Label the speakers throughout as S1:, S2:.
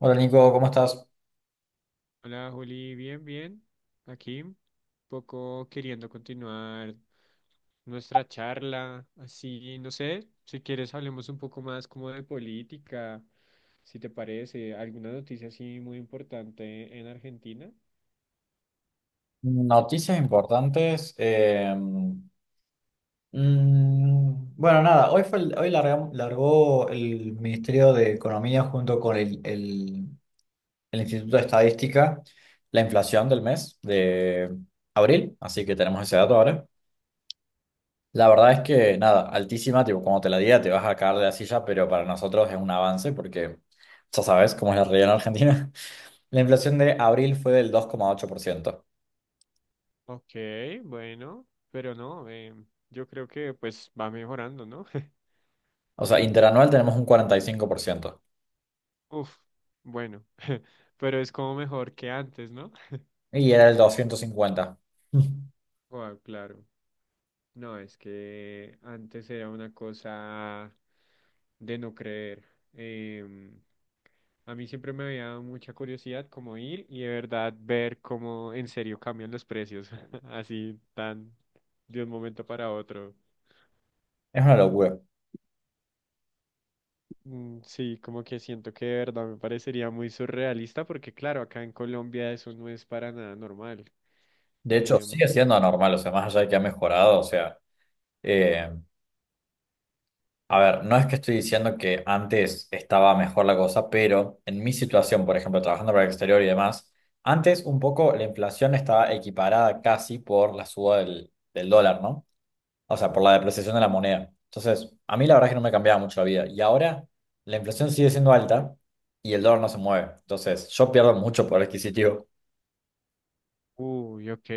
S1: Hola Nico, ¿cómo estás?
S2: Hola Juli, bien, bien. Aquí, un poco queriendo continuar nuestra charla. Así, no sé, si quieres hablemos un poco más como de política, si te parece, alguna noticia así muy importante en Argentina.
S1: Noticias importantes. Bueno, nada, hoy fue el- hoy larga- largó el Ministerio de Economía junto con el Instituto de Estadística la inflación del mes de abril, así que tenemos ese dato ahora. La verdad es que nada, altísima, tipo, como te la diga, te vas a caer de la silla, pero para nosotros es un avance porque ya sabes cómo es la realidad en Argentina. La inflación de abril fue del 2,8%.
S2: Ok, bueno, pero no, yo creo que pues va mejorando, ¿no?
S1: O sea, interanual tenemos un 45%
S2: Uf, bueno, pero es como mejor que antes, ¿no?
S1: y era el 250.
S2: Ah, claro. No, es que antes era una cosa de no creer. Em, a mí siempre me había dado mucha curiosidad como ir y de verdad ver cómo en serio cambian los precios, así tan de un momento para otro.
S1: Es una locura.
S2: Mm, sí, como que siento que de verdad me parecería muy surrealista porque claro, acá en Colombia eso no es para nada normal.
S1: De hecho, sigue
S2: Em,
S1: siendo anormal, o sea, más allá de que ha mejorado, o sea, eh, a ver, no es que estoy diciendo que antes estaba mejor la cosa, pero en mi situación, por ejemplo, trabajando para el exterior y demás, antes un poco la inflación estaba equiparada casi por la suba del dólar, ¿no? O sea, por la depreciación de la moneda. Entonces, a mí la verdad es que no me cambiaba mucho la vida. Y ahora la inflación sigue siendo alta y el dólar no se mueve. Entonces, yo pierdo mucho poder adquisitivo.
S2: Uy, ok,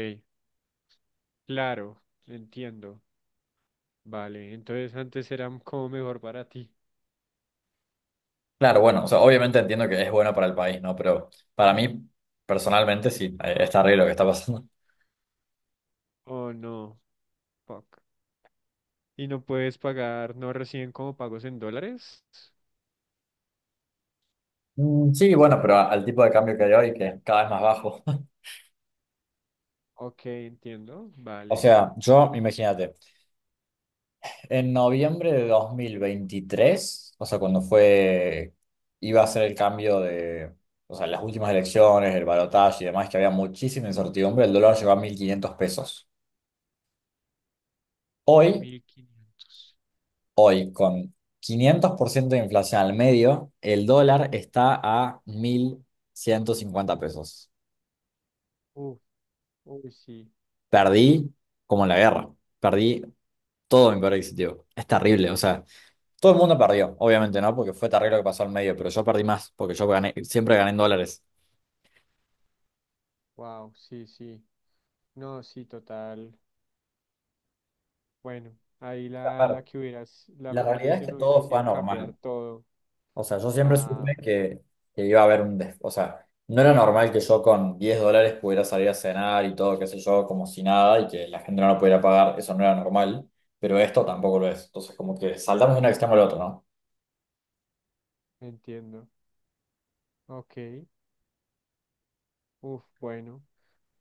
S2: claro, entiendo. Vale, entonces antes era como mejor para ti.
S1: Claro, bueno, o sea, obviamente entiendo que es bueno para el país, ¿no? Pero para mí, personalmente, sí, está horrible lo que está pasando.
S2: Oh, no. Fuck. Y no puedes pagar, no reciben como pagos en dólares.
S1: Mm, sí, bueno, pero al tipo de cambio que hay hoy, que es cada vez más bajo.
S2: Ok, entiendo.
S1: O
S2: Vale.
S1: sea, yo, imagínate. En noviembre de 2023, o sea, cuando fue, iba a ser el cambio de, o sea, las últimas elecciones, el balotaje y demás, que había muchísima incertidumbre, el dólar llegó a 1500 pesos. Hoy,
S2: 1500.
S1: hoy, con 500% de inflación al medio, el dólar está a 1150 pesos.
S2: Uf, uy, sí.
S1: Perdí como en la guerra, perdí todo mi poder adquisitivo. Es terrible, o sea. Todo el mundo perdió, obviamente, ¿no? Porque fue terrible lo que pasó al medio, pero yo perdí más, porque yo gané, siempre gané en dólares.
S2: Wow, sí, sí. No, sí, total. Bueno, ahí la,
S1: A ver,
S2: la que hubieras, la
S1: la
S2: mejor
S1: realidad es que
S2: decisión hubiera
S1: todo fue
S2: sido cambiar
S1: anormal.
S2: todo.
S1: O sea, yo siempre
S2: Ah,
S1: supe que iba a haber o sea, no era normal que yo con $10 pudiera salir a cenar y todo, qué sé yo, como si nada y que la gente no lo pudiera pagar. Eso no era normal, pero esto tampoco lo es. Entonces, como que saltamos de un extremo al otro, ¿no?
S2: entiendo. Ok. Uf, bueno.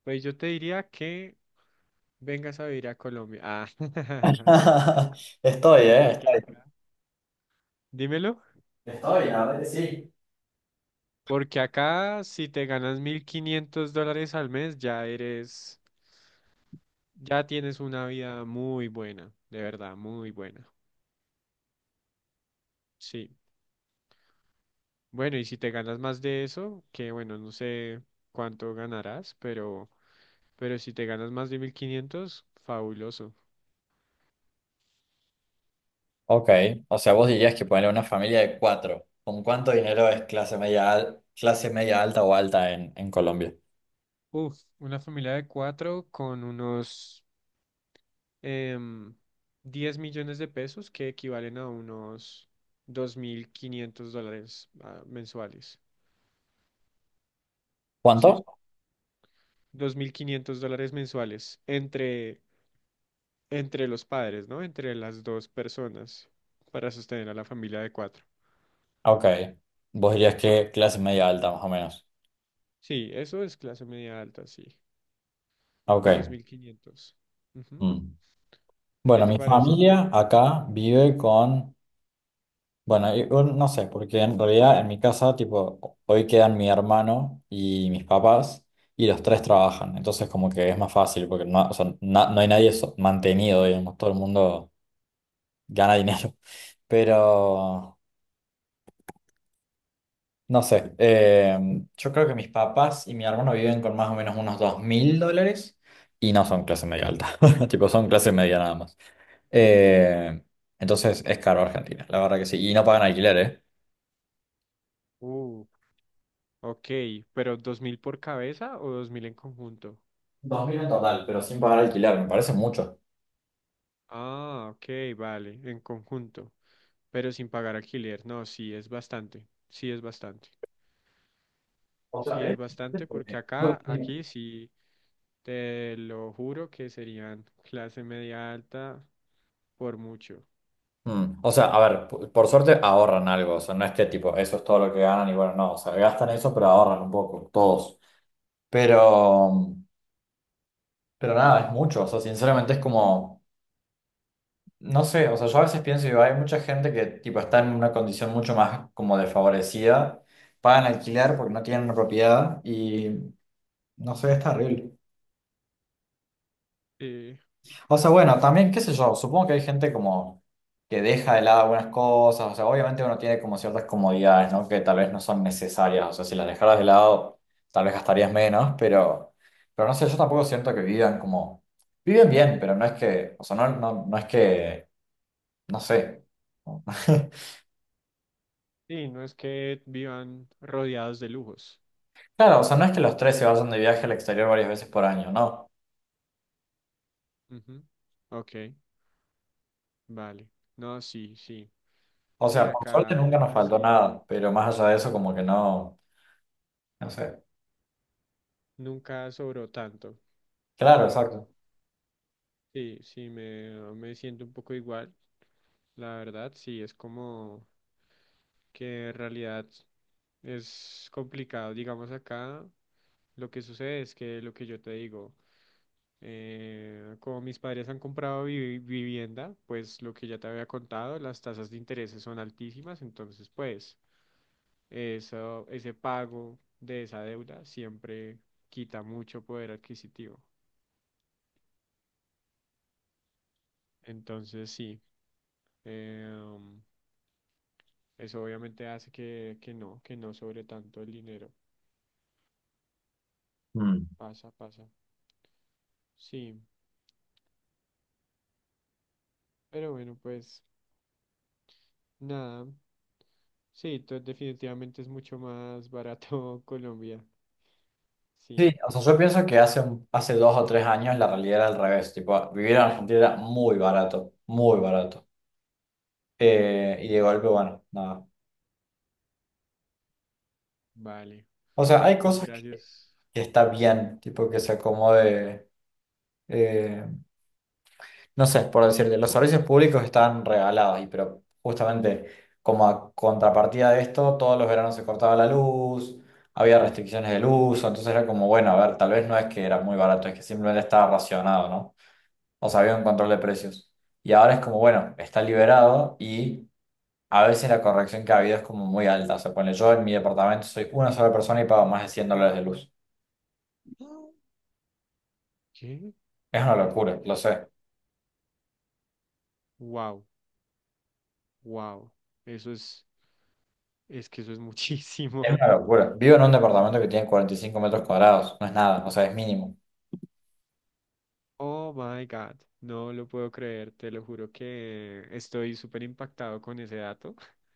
S2: Pues yo te diría que vengas a vivir a Colombia. Ah,
S1: Estoy, ¿eh?
S2: porque
S1: Estoy.
S2: acá. Dímelo.
S1: Estoy, la verdad que sí.
S2: Porque acá, si te ganas 1500 dólares al mes, ya eres, ya tienes una vida muy buena, de verdad, muy buena. Sí. Bueno, y si te ganas más de eso, que bueno, no sé cuánto ganarás, pero si te ganas más de 1500, fabuloso.
S1: Ok, o sea, vos dirías que ponerle una familia de cuatro. ¿Con cuánto dinero es clase media, al- clase media alta o alta en Colombia?
S2: Uf, una familia de cuatro con unos em, 10 millones de pesos que equivalen a unos 2500 dólares, ah, mensuales. Sí.
S1: ¿Cuánto?
S2: 2500 dólares mensuales entre, entre los padres, ¿no? Entre las dos personas para sostener a la familia de cuatro.
S1: Ok. Vos dirías que clase media alta, más o menos.
S2: Sí, eso es clase media alta, sí.
S1: Ok.
S2: 2.500. Ujú.
S1: Mm.
S2: ¿Qué
S1: Bueno,
S2: te
S1: mi
S2: parece?
S1: familia acá vive con. Bueno, o no sé, porque en realidad en mi casa, tipo, hoy quedan mi hermano y mis papás, y los tres trabajan. Entonces, como que es más fácil, porque no, o sea, no hay nadie mantenido, digamos, todo el mundo gana dinero. Pero. No sé, yo creo que mis papás y mi hermano viven con más o menos unos $2000 y no son clase media alta, tipo son clase media nada más. Eh, entonces es caro Argentina, la verdad que sí, y no pagan alquiler, ¿eh?
S2: Uh, ok, ¿pero 2000 por cabeza o 2000 en conjunto?
S1: Dos mil en total, pero sin pagar alquiler, me parece mucho.
S2: Ah, ok, vale, en conjunto, pero sin pagar alquiler. No, sí, es bastante, sí es bastante.
S1: O sea,
S2: Sí, es bastante porque
S1: porque-
S2: acá, aquí sí, te lo juro que serían clase media alta por mucho.
S1: O sea, a ver, por suerte ahorran algo, o sea, no es que tipo, eso es todo lo que ganan y bueno, no, o sea, gastan eso, pero ahorran un poco, todos. Pero, pero nada, es mucho, o sea, sinceramente es como... No sé, o sea, yo a veces pienso, digo, hay mucha gente que tipo está en una condición mucho más como desfavorecida, pagan alquiler porque no tienen una propiedad y no sé, es terrible.
S2: Sí,
S1: O sea, bueno, también, qué sé yo, supongo que hay gente como que deja de lado algunas cosas, o sea, obviamente uno tiene como ciertas comodidades, ¿no? Que tal vez no son necesarias, o sea, si las dejaras de lado, tal vez gastarías menos, pero no sé, yo tampoco siento que vivan como, viven bien, pero no es que, o sea, no, no, no es que, no sé.
S2: y no es que vivan rodeados de lujos.
S1: Claro, o sea, no es que los tres se vayan de viaje al exterior varias veces por año, no.
S2: Ujú. Ok, vale. No, sí, sí.
S1: O
S2: Sí,
S1: sea, por suerte
S2: acá,
S1: nunca nos
S2: acá
S1: faltó
S2: sí,
S1: nada, pero más allá de eso, como que no, no sé.
S2: nunca sobró tanto.
S1: Claro, exacto.
S2: Sí, sí, me siento un poco igual, la verdad, sí, es como que en realidad es complicado, digamos acá, lo que sucede es que lo que yo te digo, como mis padres han comprado vivienda, pues lo que ya te había contado, las tasas de interés son altísimas, entonces pues eso, ese pago de esa deuda siempre quita mucho poder adquisitivo. Entonces sí. em, Eso obviamente hace que no sobre tanto el dinero.
S1: Mm.
S2: Pasa, pasa. Sí, pero bueno, pues nada. Sí, definitivamente es mucho más barato Colombia.
S1: Sí,
S2: Sí,
S1: o sea, yo pienso que hace 2 o 3 años la realidad era al revés, tipo, vivir en Argentina era muy barato, muy barato. Y de golpe, bueno, nada.
S2: vale.
S1: O sea, hay cosas que,
S2: Gracias.
S1: que está bien, tipo, que se acomode. eh, no sé, por decirte, los servicios públicos están regalados, pero justamente como a contrapartida de esto, todos los veranos se cortaba la luz, había restricciones del uso, entonces era como, bueno, a ver, tal vez no es que era muy barato, es que simplemente estaba racionado, ¿no? O sea, había un control de precios. Y ahora es como, bueno, está liberado y a veces la corrección que ha habido es como muy alta. O sea, ponle, yo en mi departamento soy una sola persona y pago más de $100 de luz.
S2: Ah. ¿Qué?
S1: Es una locura, lo sé.
S2: Wow, wow. Eso es que eso es muchísimo.
S1: Es una locura. Vivo en un departamento que tiene 45 metros cuadrados, no es nada, o sea, es mínimo.
S2: Oh my God. No lo puedo creer, te lo juro que estoy súper impactado con ese dato.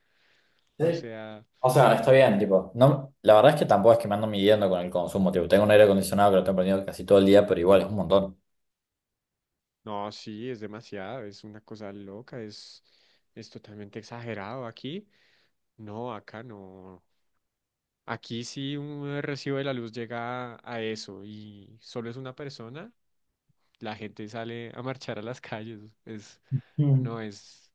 S2: O
S1: Sí.
S2: sea.
S1: O sea, está bien, tipo, no, la verdad es que tampoco es que me ando midiendo con el consumo, tipo, tengo un aire acondicionado que lo tengo prendido casi todo el día, pero igual es un montón.
S2: No, sí, es demasiado, es una cosa loca, es totalmente exagerado aquí. No, acá no. Aquí si un recibo de la luz llega a eso y solo es una persona, la gente sale a marchar a las calles. Es,
S1: Mm.
S2: no es,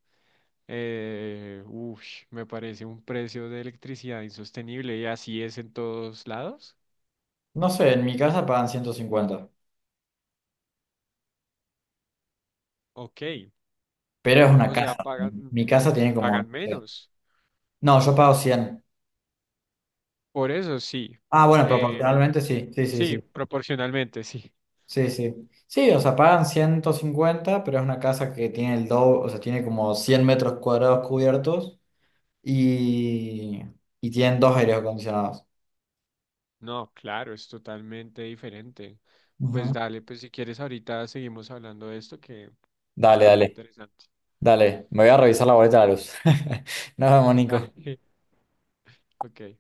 S2: ush, me parece un precio de electricidad insostenible y así es en todos lados.
S1: No sé, en mi casa pagan 150,
S2: Ok,
S1: pero es una
S2: o sea,
S1: casa.
S2: pagan,
S1: Mi casa tiene como... No
S2: pagan
S1: sé.
S2: menos.
S1: No, yo pago 100.
S2: Por eso sí.
S1: Ah, bueno,
S2: eh,
S1: proporcionalmente sí, sí, sí,
S2: sí,
S1: sí,
S2: proporcionalmente, sí.
S1: sí, sí. Sí, o sea, pagan 150, pero es una casa que tiene el doble, o sea, tiene como 100 metros cuadrados cubiertos y, y tienen dos aires acondicionados.
S2: No, claro, es totalmente diferente. Pues
S1: Ujú.
S2: dale, pues si quieres ahorita seguimos hablando de esto que
S1: Dale,
S2: está muy
S1: dale.
S2: interesante.
S1: Dale, me voy a revisar la boleta de la luz. Nos vemos,
S2: Dale,
S1: Nico.
S2: ok.